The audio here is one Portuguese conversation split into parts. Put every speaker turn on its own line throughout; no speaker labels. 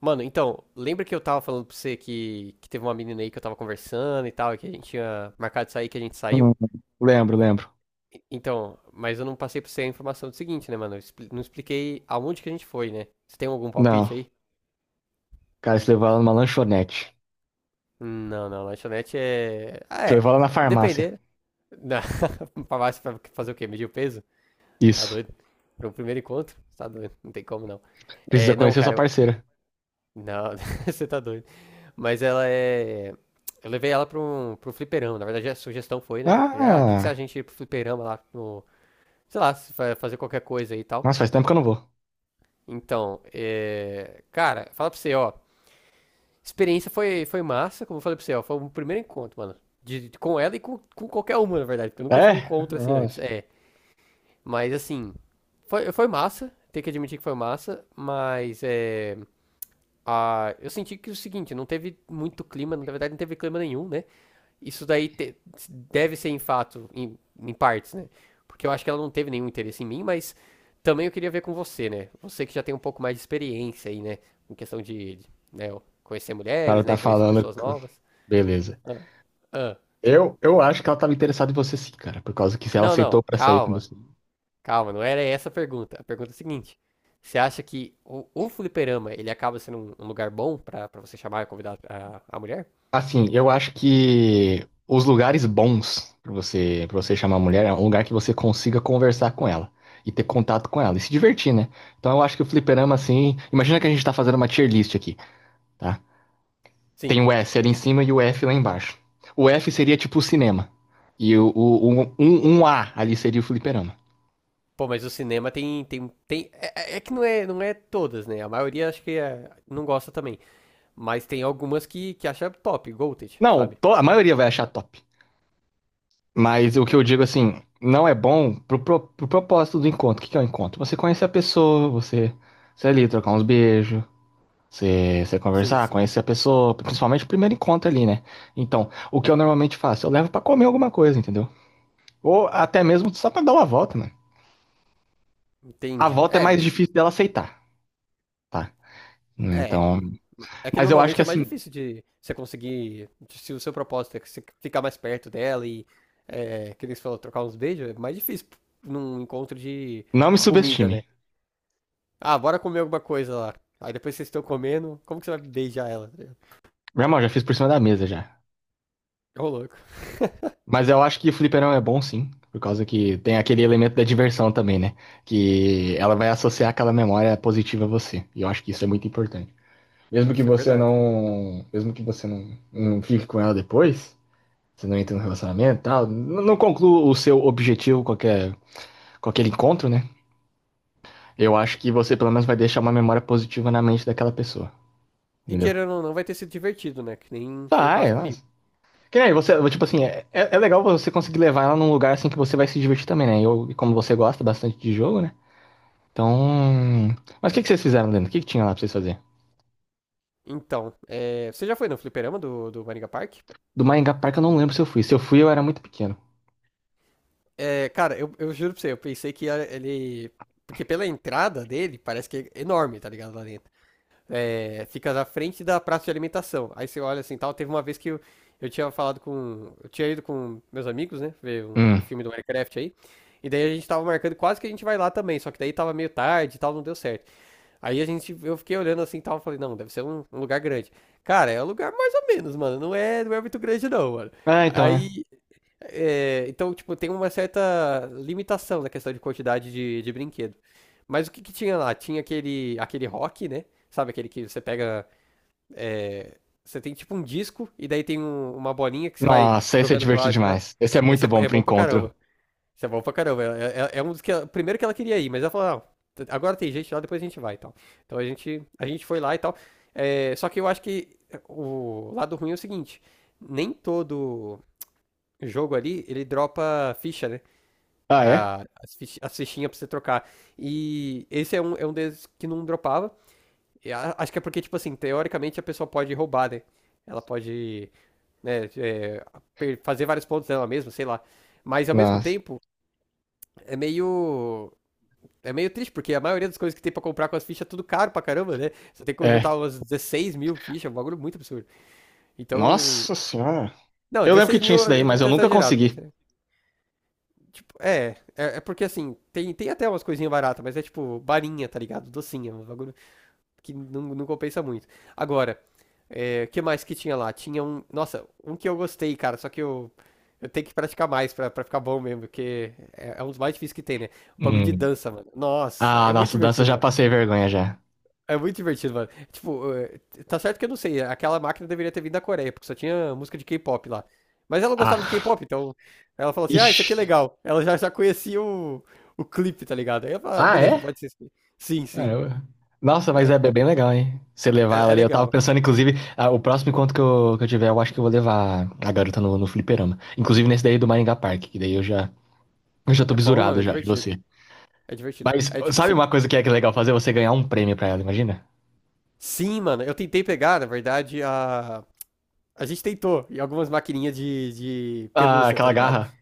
Mano, então, lembra que eu tava falando pra você que teve uma menina aí que eu tava conversando e tal, e que a gente tinha marcado de sair, que a gente
Hum,
saiu?
lembro, lembro.
Então, mas eu não passei pra você a informação do seguinte, né, mano? Não expliquei aonde que a gente foi, né? Você tem algum palpite
Não,
aí?
cara, você levou ela numa lanchonete.
Não, não, lanchonete é. Ah,
Você
é.
levou ela na farmácia.
Depender. Não. Pra baixo, pra fazer o quê? Medir o peso? Tá
Isso.
doido? Pra um primeiro encontro? Tá doido, não tem como não.
Precisa
É, não,
conhecer sua
cara, eu.
parceira.
Não, você tá doido. Mas ela é. Eu levei ela pra um fliperama. Na verdade, a sugestão foi, né? Ah, o que que se a
Ah,
gente ir pro fliperama lá no. Sei lá, se fa- fazer qualquer coisa aí e tal.
nossa, faz tempo que eu não vou.
Então, cara, fala pra você, ó. Experiência foi, massa, como eu falei pra você, ó. Foi o primeiro encontro, mano. De, com ela e com qualquer uma, na verdade. Porque eu nunca tive um
É?
encontro assim antes.
Nossa. O
É. Mas assim. Foi, massa. Tem que admitir que foi massa. Mas é. Ah, eu senti que é o seguinte, não teve muito clima, na verdade não teve clima nenhum, né? Isso daí te- Deve ser em fato, em partes, né? Porque eu acho que ela não teve nenhum interesse em mim, mas também eu queria ver com você, né? Você que já tem um pouco mais de experiência aí, né? Em questão né, conhecer
cara
mulheres,
tá
né? Conhecer
falando.
pessoas novas.
Beleza.
Ah, ah.
Eu acho que ela tava interessada em você sim, cara. Por causa que se ela
Não,
aceitou
não,
pra sair com
calma,
você.
calma, não era essa a pergunta. A pergunta é a seguinte: você acha que o fliperama ele acaba sendo um lugar bom pra você chamar e convidar a mulher?
Assim, eu acho que os lugares bons para você chamar a mulher é um lugar que você consiga conversar com ela e ter contato com ela e se divertir, né? Então eu acho que o fliperama, assim, imagina que a gente tá fazendo uma tier list aqui, tá? Tem
Sim.
o S ali em cima e o F lá embaixo. O F seria tipo o cinema. E um A ali seria o fliperama.
Pô, mas o cinema tem, é que não é, todas, né? A maioria acho não gosta também. Mas tem algumas que acha top, Goated,
Não,
sabe?
to- A maioria vai achar top. Mas o que eu digo assim, não é bom pro propósito do encontro. O que que é o encontro? Você conhecer a pessoa, você, você ali, trocar uns beijos. Você, você
Sim,
conversar,
sim.
conhecer a pessoa, principalmente o primeiro encontro ali, né? Então, o que eu normalmente faço? Eu levo pra comer alguma coisa, entendeu? Ou até mesmo só pra dar uma volta, mano. A
Entendi.
volta é
É,
mais
que.
difícil dela aceitar, tá?
É.
Então,
É que
mas eu acho que
normalmente é mais
assim,
difícil de você conseguir. Se o seu propósito é que você ficar mais perto dela e. É, que eles falam trocar uns beijos, é mais difícil num encontro de
não me
comida, né?
subestime.
Ah, bora comer alguma coisa lá. Aí depois vocês estão comendo, como que você vai beijar ela?
Meu irmão, já fiz por cima da mesa já.
Ô, louco.
Mas eu acho que o fliperão é bom sim, por causa que tem aquele elemento da diversão também, né? Que ela vai associar aquela memória positiva a você. E eu acho que isso é muito importante. Mesmo que
Isso é
você
verdade.
não, mesmo que você não, não fique com ela depois, você não entra no relacionamento tal. Não conclua o seu objetivo com aquele encontro, né? Eu acho que você pelo menos vai deixar uma memória positiva na mente daquela pessoa.
E
Entendeu?
querendo ou não, vai ter sido divertido, né? Que nem foi o
Vai,
caso comigo.
mas. Que nem você, tipo assim, é legal você conseguir levar ela num lugar assim que você vai se divertir também, né? E como você gosta bastante de jogo, né? Então. Mas o que, que vocês fizeram, Leandro? O que, que tinha lá pra vocês fazer?
Então, é, você já foi no fliperama do Maringa Park?
Do Maringá Park eu não lembro se eu fui. Se eu fui, eu era muito pequeno.
É, cara, eu juro pra você, eu pensei ele. Porque pela entrada dele, parece que é enorme, tá ligado? Lá dentro. É, fica na frente da praça de alimentação. Aí você olha assim tal. Teve uma vez que eu tinha falado com. Eu tinha ido com meus amigos, né? Ver
Hum.
o filme do Minecraft aí. E daí a gente tava marcando, quase que a gente vai lá também. Só que daí tava meio tarde e tal, não deu certo. Aí a gente, eu fiquei olhando assim e tal, falei, não, deve ser um lugar grande. Cara, é um lugar mais ou menos, mano. Não é, muito grande, não, mano.
Ah, então, né?
Aí. É, então, tipo, tem uma certa limitação na questão de quantidade de brinquedo. Mas o que que tinha lá? Tinha aquele rock, né? Sabe aquele que você pega. É, você tem tipo um disco e daí tem uma bolinha que você vai
Nossa, esse é
jogando pra lá
divertido
e pra lá.
demais. Esse é
Esse
muito
é,
bom
é
pro
bom pra
encontro.
caramba. Isso é bom pra caramba. É, é um dos que. Primeiro que ela queria ir, mas ela falou, "Não, agora tem gente lá, depois a gente vai e tal." Então a gente foi lá e tal. É, só que eu acho que é, o lado ruim é o seguinte: nem todo jogo ali ele dropa ficha, né?
Ah, é?
As fichinhas pra você trocar. E esse é é um deles que não dropava. Acho que é porque, tipo assim, teoricamente a pessoa pode roubar, né? Ela pode, né, fazer vários pontos dela mesma, sei lá. Mas ao mesmo
Nossa.
tempo, é meio. É meio triste, porque a maioria das coisas que tem pra comprar com as fichas é tudo caro pra caramba, né? Você tem que
É.
juntar umas 16.000 fichas, é um bagulho muito absurdo. Então.
Nossa senhora.
Não,
Eu lembro que
dezesseis
tinha
mil
isso daí,
eu devo
mas eu
ter
nunca
exagerado, mas
consegui.
é. Tipo, é. É, é porque assim, tem até umas coisinhas baratas, mas é tipo barinha, tá ligado? Docinha, um bagulho que não, não compensa muito. Agora, é, o que mais que tinha lá? Tinha um. Nossa, um que eu gostei, cara, só que eu. Eu tenho que praticar mais pra ficar bom mesmo, porque é, é um dos mais difíceis que tem, né? O bagulho de
Hum.
dança, mano. Nossa,
Ah,
é muito
nossa, dança eu
divertido,
já
mano.
passei vergonha já.
É muito divertido, mano. Tipo, tá certo que eu não sei, aquela máquina deveria ter vindo da Coreia, porque só tinha música de K-pop lá. Mas ela gostava de
Ah,
K-pop, então ela falou assim: ah, isso aqui é
ixi.
legal. Ela já conhecia o clipe, tá ligado? Aí eu falei: ah,
Ah,
beleza,
é?
pode ser isso aqui. Sim, sim.
Caramba. Nossa, mas
É,
é bem legal, hein? Você levar ela
é, é
ali. Eu tava
legal.
pensando, inclusive, ah, o próximo encontro que eu tiver, eu acho que eu vou levar a garota no fliperama. Inclusive nesse daí do Maringá Park, que daí eu já tô
É bom, mano,
bisurado
é
já de
divertido.
você.
É divertido.
Mas
É tipo
sabe
assim,
uma coisa que é legal fazer? Você ganhar um prêmio pra ela, imagina?
sim, mano, eu tentei pegar, na verdade, a. A gente tentou em algumas maquininhas de
Ah,
pelúcia, tá
aquela
ligado?
garra.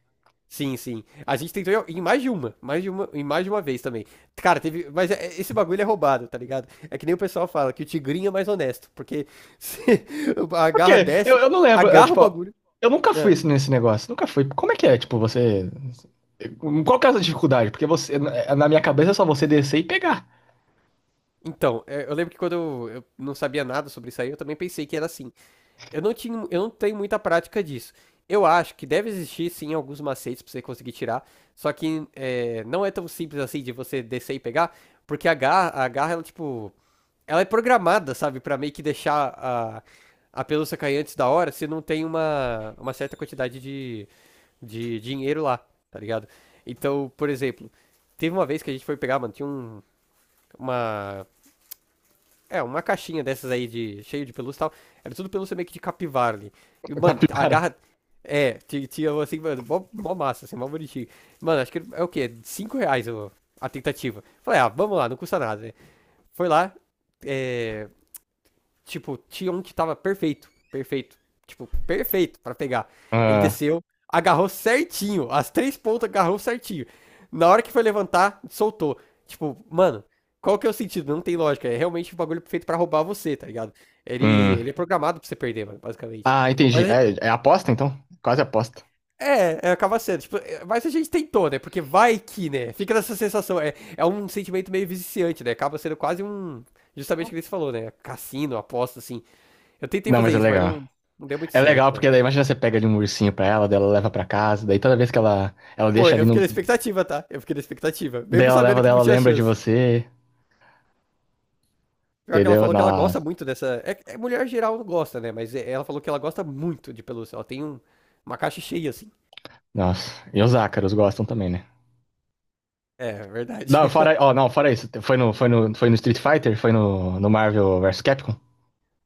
Sim, sim. A gente tentou em mais de uma, em mais de uma vez também. Cara, teve, mas esse bagulho é roubado, tá ligado? É que nem o pessoal fala que o tigrinho é mais honesto, porque se a
Por
garra
quê? Eu,
desce,
eu não lembro, eu,
agarra o
tipo,
bagulho.
eu nunca fui
Não.
assim, nesse negócio, nunca fui. Como é que é, tipo, você... Qual que é essa dificuldade? Porque você, na é, na minha cabeça é só você descer e pegar
Então, é, eu lembro que quando eu não sabia nada sobre isso aí, eu também pensei que era assim. Eu não tinha, eu não tenho muita prática disso. Eu acho que deve existir sim alguns macetes pra você conseguir tirar, só que é, não é tão simples assim de você descer e pegar, porque a garra ela tipo. Ela é programada, sabe, pra meio que deixar a pelúcia cair antes da hora se não tem uma certa quantidade de dinheiro lá, tá ligado? Então, por exemplo, teve uma vez que a gente foi pegar, mano, tinha um, uma. É, uma caixinha dessas aí de cheio de pelúcia e tal. Era tudo pelúcia meio que de capivara ali. E, mano, a
capivara.
garra. É, tinha assim, mano, mó, mó massa, assim, mó bonitinho. Mano, acho que é o quê? R$ 5 a tentativa. Falei, ah, vamos lá, não custa nada, né? Foi lá, é. Tipo, tinha um que tava perfeito, perfeito, tipo, perfeito pra pegar. Ele
Ah,
desceu, agarrou certinho, as três pontas agarrou certinho. Na hora que foi levantar, soltou. Tipo, mano, qual que é o sentido? Não tem lógica. É realmente um bagulho feito pra roubar você, tá ligado? Ele,
hum.
Ele é programado pra você perder, mano, basicamente.
Ah, entendi.
Mas
É aposta, então? Quase aposta.
é, é, acaba sendo. Tipo, é, mas a gente tentou, né? Porque vai que, né? Fica nessa sensação. É, é um sentimento meio viciante, né? Acaba sendo quase um. Justamente o que ele falou, né? Cassino, aposta, assim. Eu tentei
Não,
fazer
mas é
isso, mas
legal.
não, não deu muito
É
certo,
legal
mano.
porque daí, imagina você pega ali um ursinho pra ela, daí ela leva pra casa, daí toda vez que ela
Pô,
deixa ali
eu
no...
fiquei na expectativa, tá? Eu fiquei na expectativa.
Daí
Mesmo
ela
sabendo
leva,
que
daí
não
ela
tinha
lembra de
chance.
você,
Pior que ela
entendeu?
falou que ela
Nossa,
gosta muito dessa. É, é mulher geral não gosta, né? Mas ela falou que ela gosta muito de pelúcia. Ela tem uma caixa cheia, assim.
nossa. E os ácaros gostam também, né?
É, verdade.
Não, fora, ó, não, fora isso. Foi no Street Fighter? Foi no Marvel vs Capcom?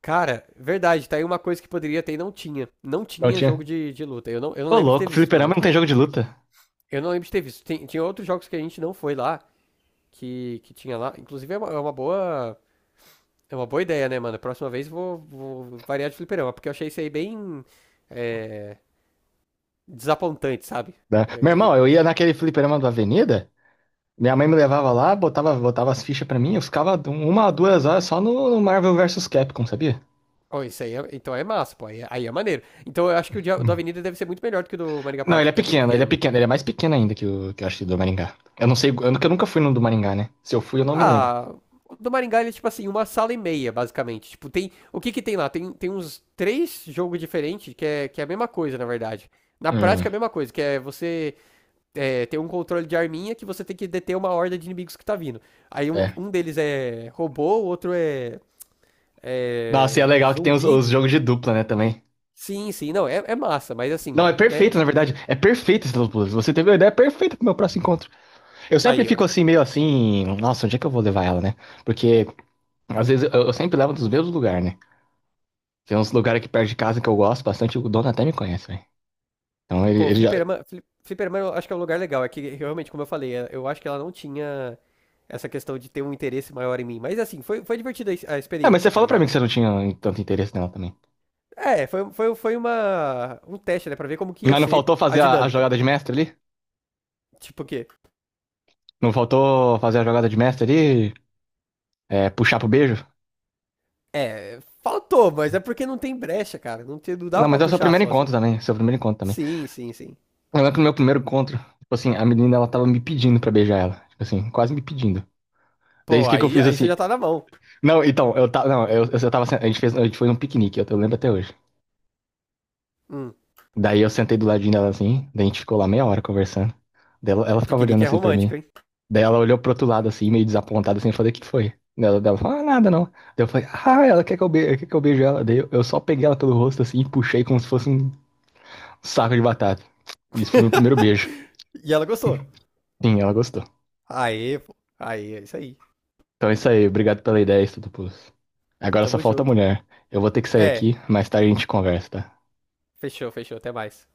Cara, verdade, tá aí uma coisa que poderia ter e não tinha. Não
Não
tinha
tinha?
jogo de luta. Eu não
Ô,
lembro de ter
louco,
visto, pelo
fliperama
menos.
não tem jogo de luta.
Eu não lembro de ter visto. Tem, tinha outros jogos que a gente não foi lá, que tinha lá. Inclusive é uma boa. É uma boa ideia, né, mano? Próxima vez vou, vou variar de fliperama, porque eu achei isso aí bem, é, desapontante, sabe?
Né? Meu
É, é,
irmão, eu ia naquele fliperama da Avenida, minha mãe me levava lá, botava as fichas pra mim, eu ficava uma, a duas horas só no Marvel vs Capcom, sabia?
ó, isso aí, então é massa, pô. Aí, aí é maneiro. Então eu acho que o dia do
Hum.
Avenida deve ser muito melhor do que o do Maringá
Não,
Park,
ele é
porque é bem
pequeno, ele é
pequeno, mano.
pequeno, ele é mais pequeno ainda que o que eu acho que do Maringá. Eu não sei, eu nunca fui no do Maringá, né? Se eu fui, eu não me lembro.
Ah, o do Maringá ele é tipo assim, uma sala e meia, basicamente. Tipo, tem. O que que tem lá? Tem uns três jogos diferentes que é a mesma coisa, na verdade. Na
Hum,
prática é a mesma coisa, que é você, é, tem um controle de arminha que você tem que deter uma horda de inimigos que tá vindo. Aí
é.
um deles é robô, o outro é,
Nossa, e é
é
legal que tem os,
zumbi.
os jogos de dupla, né, também.
Sim, sim, não, é, é massa, mas
Não,
assim,
é
né?
perfeito, na verdade. É perfeito esse Los Blues. Você teve uma ideia perfeita pro meu próximo encontro. Eu sempre
Aí, ó.
fico assim, meio assim, nossa, onde é que eu vou levar ela, né? Porque às vezes eu sempre levo dos mesmos lugares, né? Tem uns lugares aqui perto de casa que eu gosto bastante, o dono até me conhece, velho. Então ele,
Pô,
ele já.
fliperama, fliperama eu acho que é um lugar legal. É que realmente, como eu falei, eu acho que ela não tinha essa questão de ter um interesse maior em mim. Mas assim, foi, foi divertida a a
É, mas você
experiência, tá
falou pra
ligado?
mim que você não tinha tanto interesse nela também.
É, foi, foi, foi uma, um teste, né? Pra ver como que ia
Mas não
ser
faltou
a
fazer a
dinâmica.
jogada de mestre ali?
Tipo, que.
Não faltou fazer a jogada de mestre ali? É, puxar pro beijo?
É, faltou, mas é porque não tem brecha, cara. Não, te, não dava
Não,
pra
mas é o seu
puxar
primeiro
só assim.
encontro também. Seu primeiro encontro também.
Sim, sim, sim.
Eu lembro que no meu primeiro encontro, tipo assim, a menina ela tava me pedindo pra beijar ela. Tipo assim, quase me pedindo. Daí
Pô,
o que que eu
aí,
fiz
aí você
assim?
já tá na mão.
Não, então, eu tava. Não, eu tava. A gente fez, a gente foi num piquenique, eu lembro até hoje.
Hum,
Daí eu sentei do ladinho dela assim, daí a gente ficou lá meia hora conversando. Daí ela ficava olhando
piquenique é
assim pra mim.
romântico, hein?
Daí ela olhou pro outro lado assim, meio desapontada assim, eu falei, o que que foi? Daí ela falou, ah, nada não. Daí eu falei, ah, ela quer que eu beijo ela. Daí eu só peguei ela pelo rosto assim e puxei como se fosse um saco de batata. Isso foi meu primeiro beijo.
E ela gostou.
Sim, ela gostou.
Aê, pô. Aê, é isso aí.
Então é isso aí, obrigado pela ideia, Estudopoulos. Agora só
Tamo
falta a
junto, mano.
mulher. Eu vou ter que sair aqui,
É,
mais tarde a gente conversa, tá?
fechou, fechou. Até mais.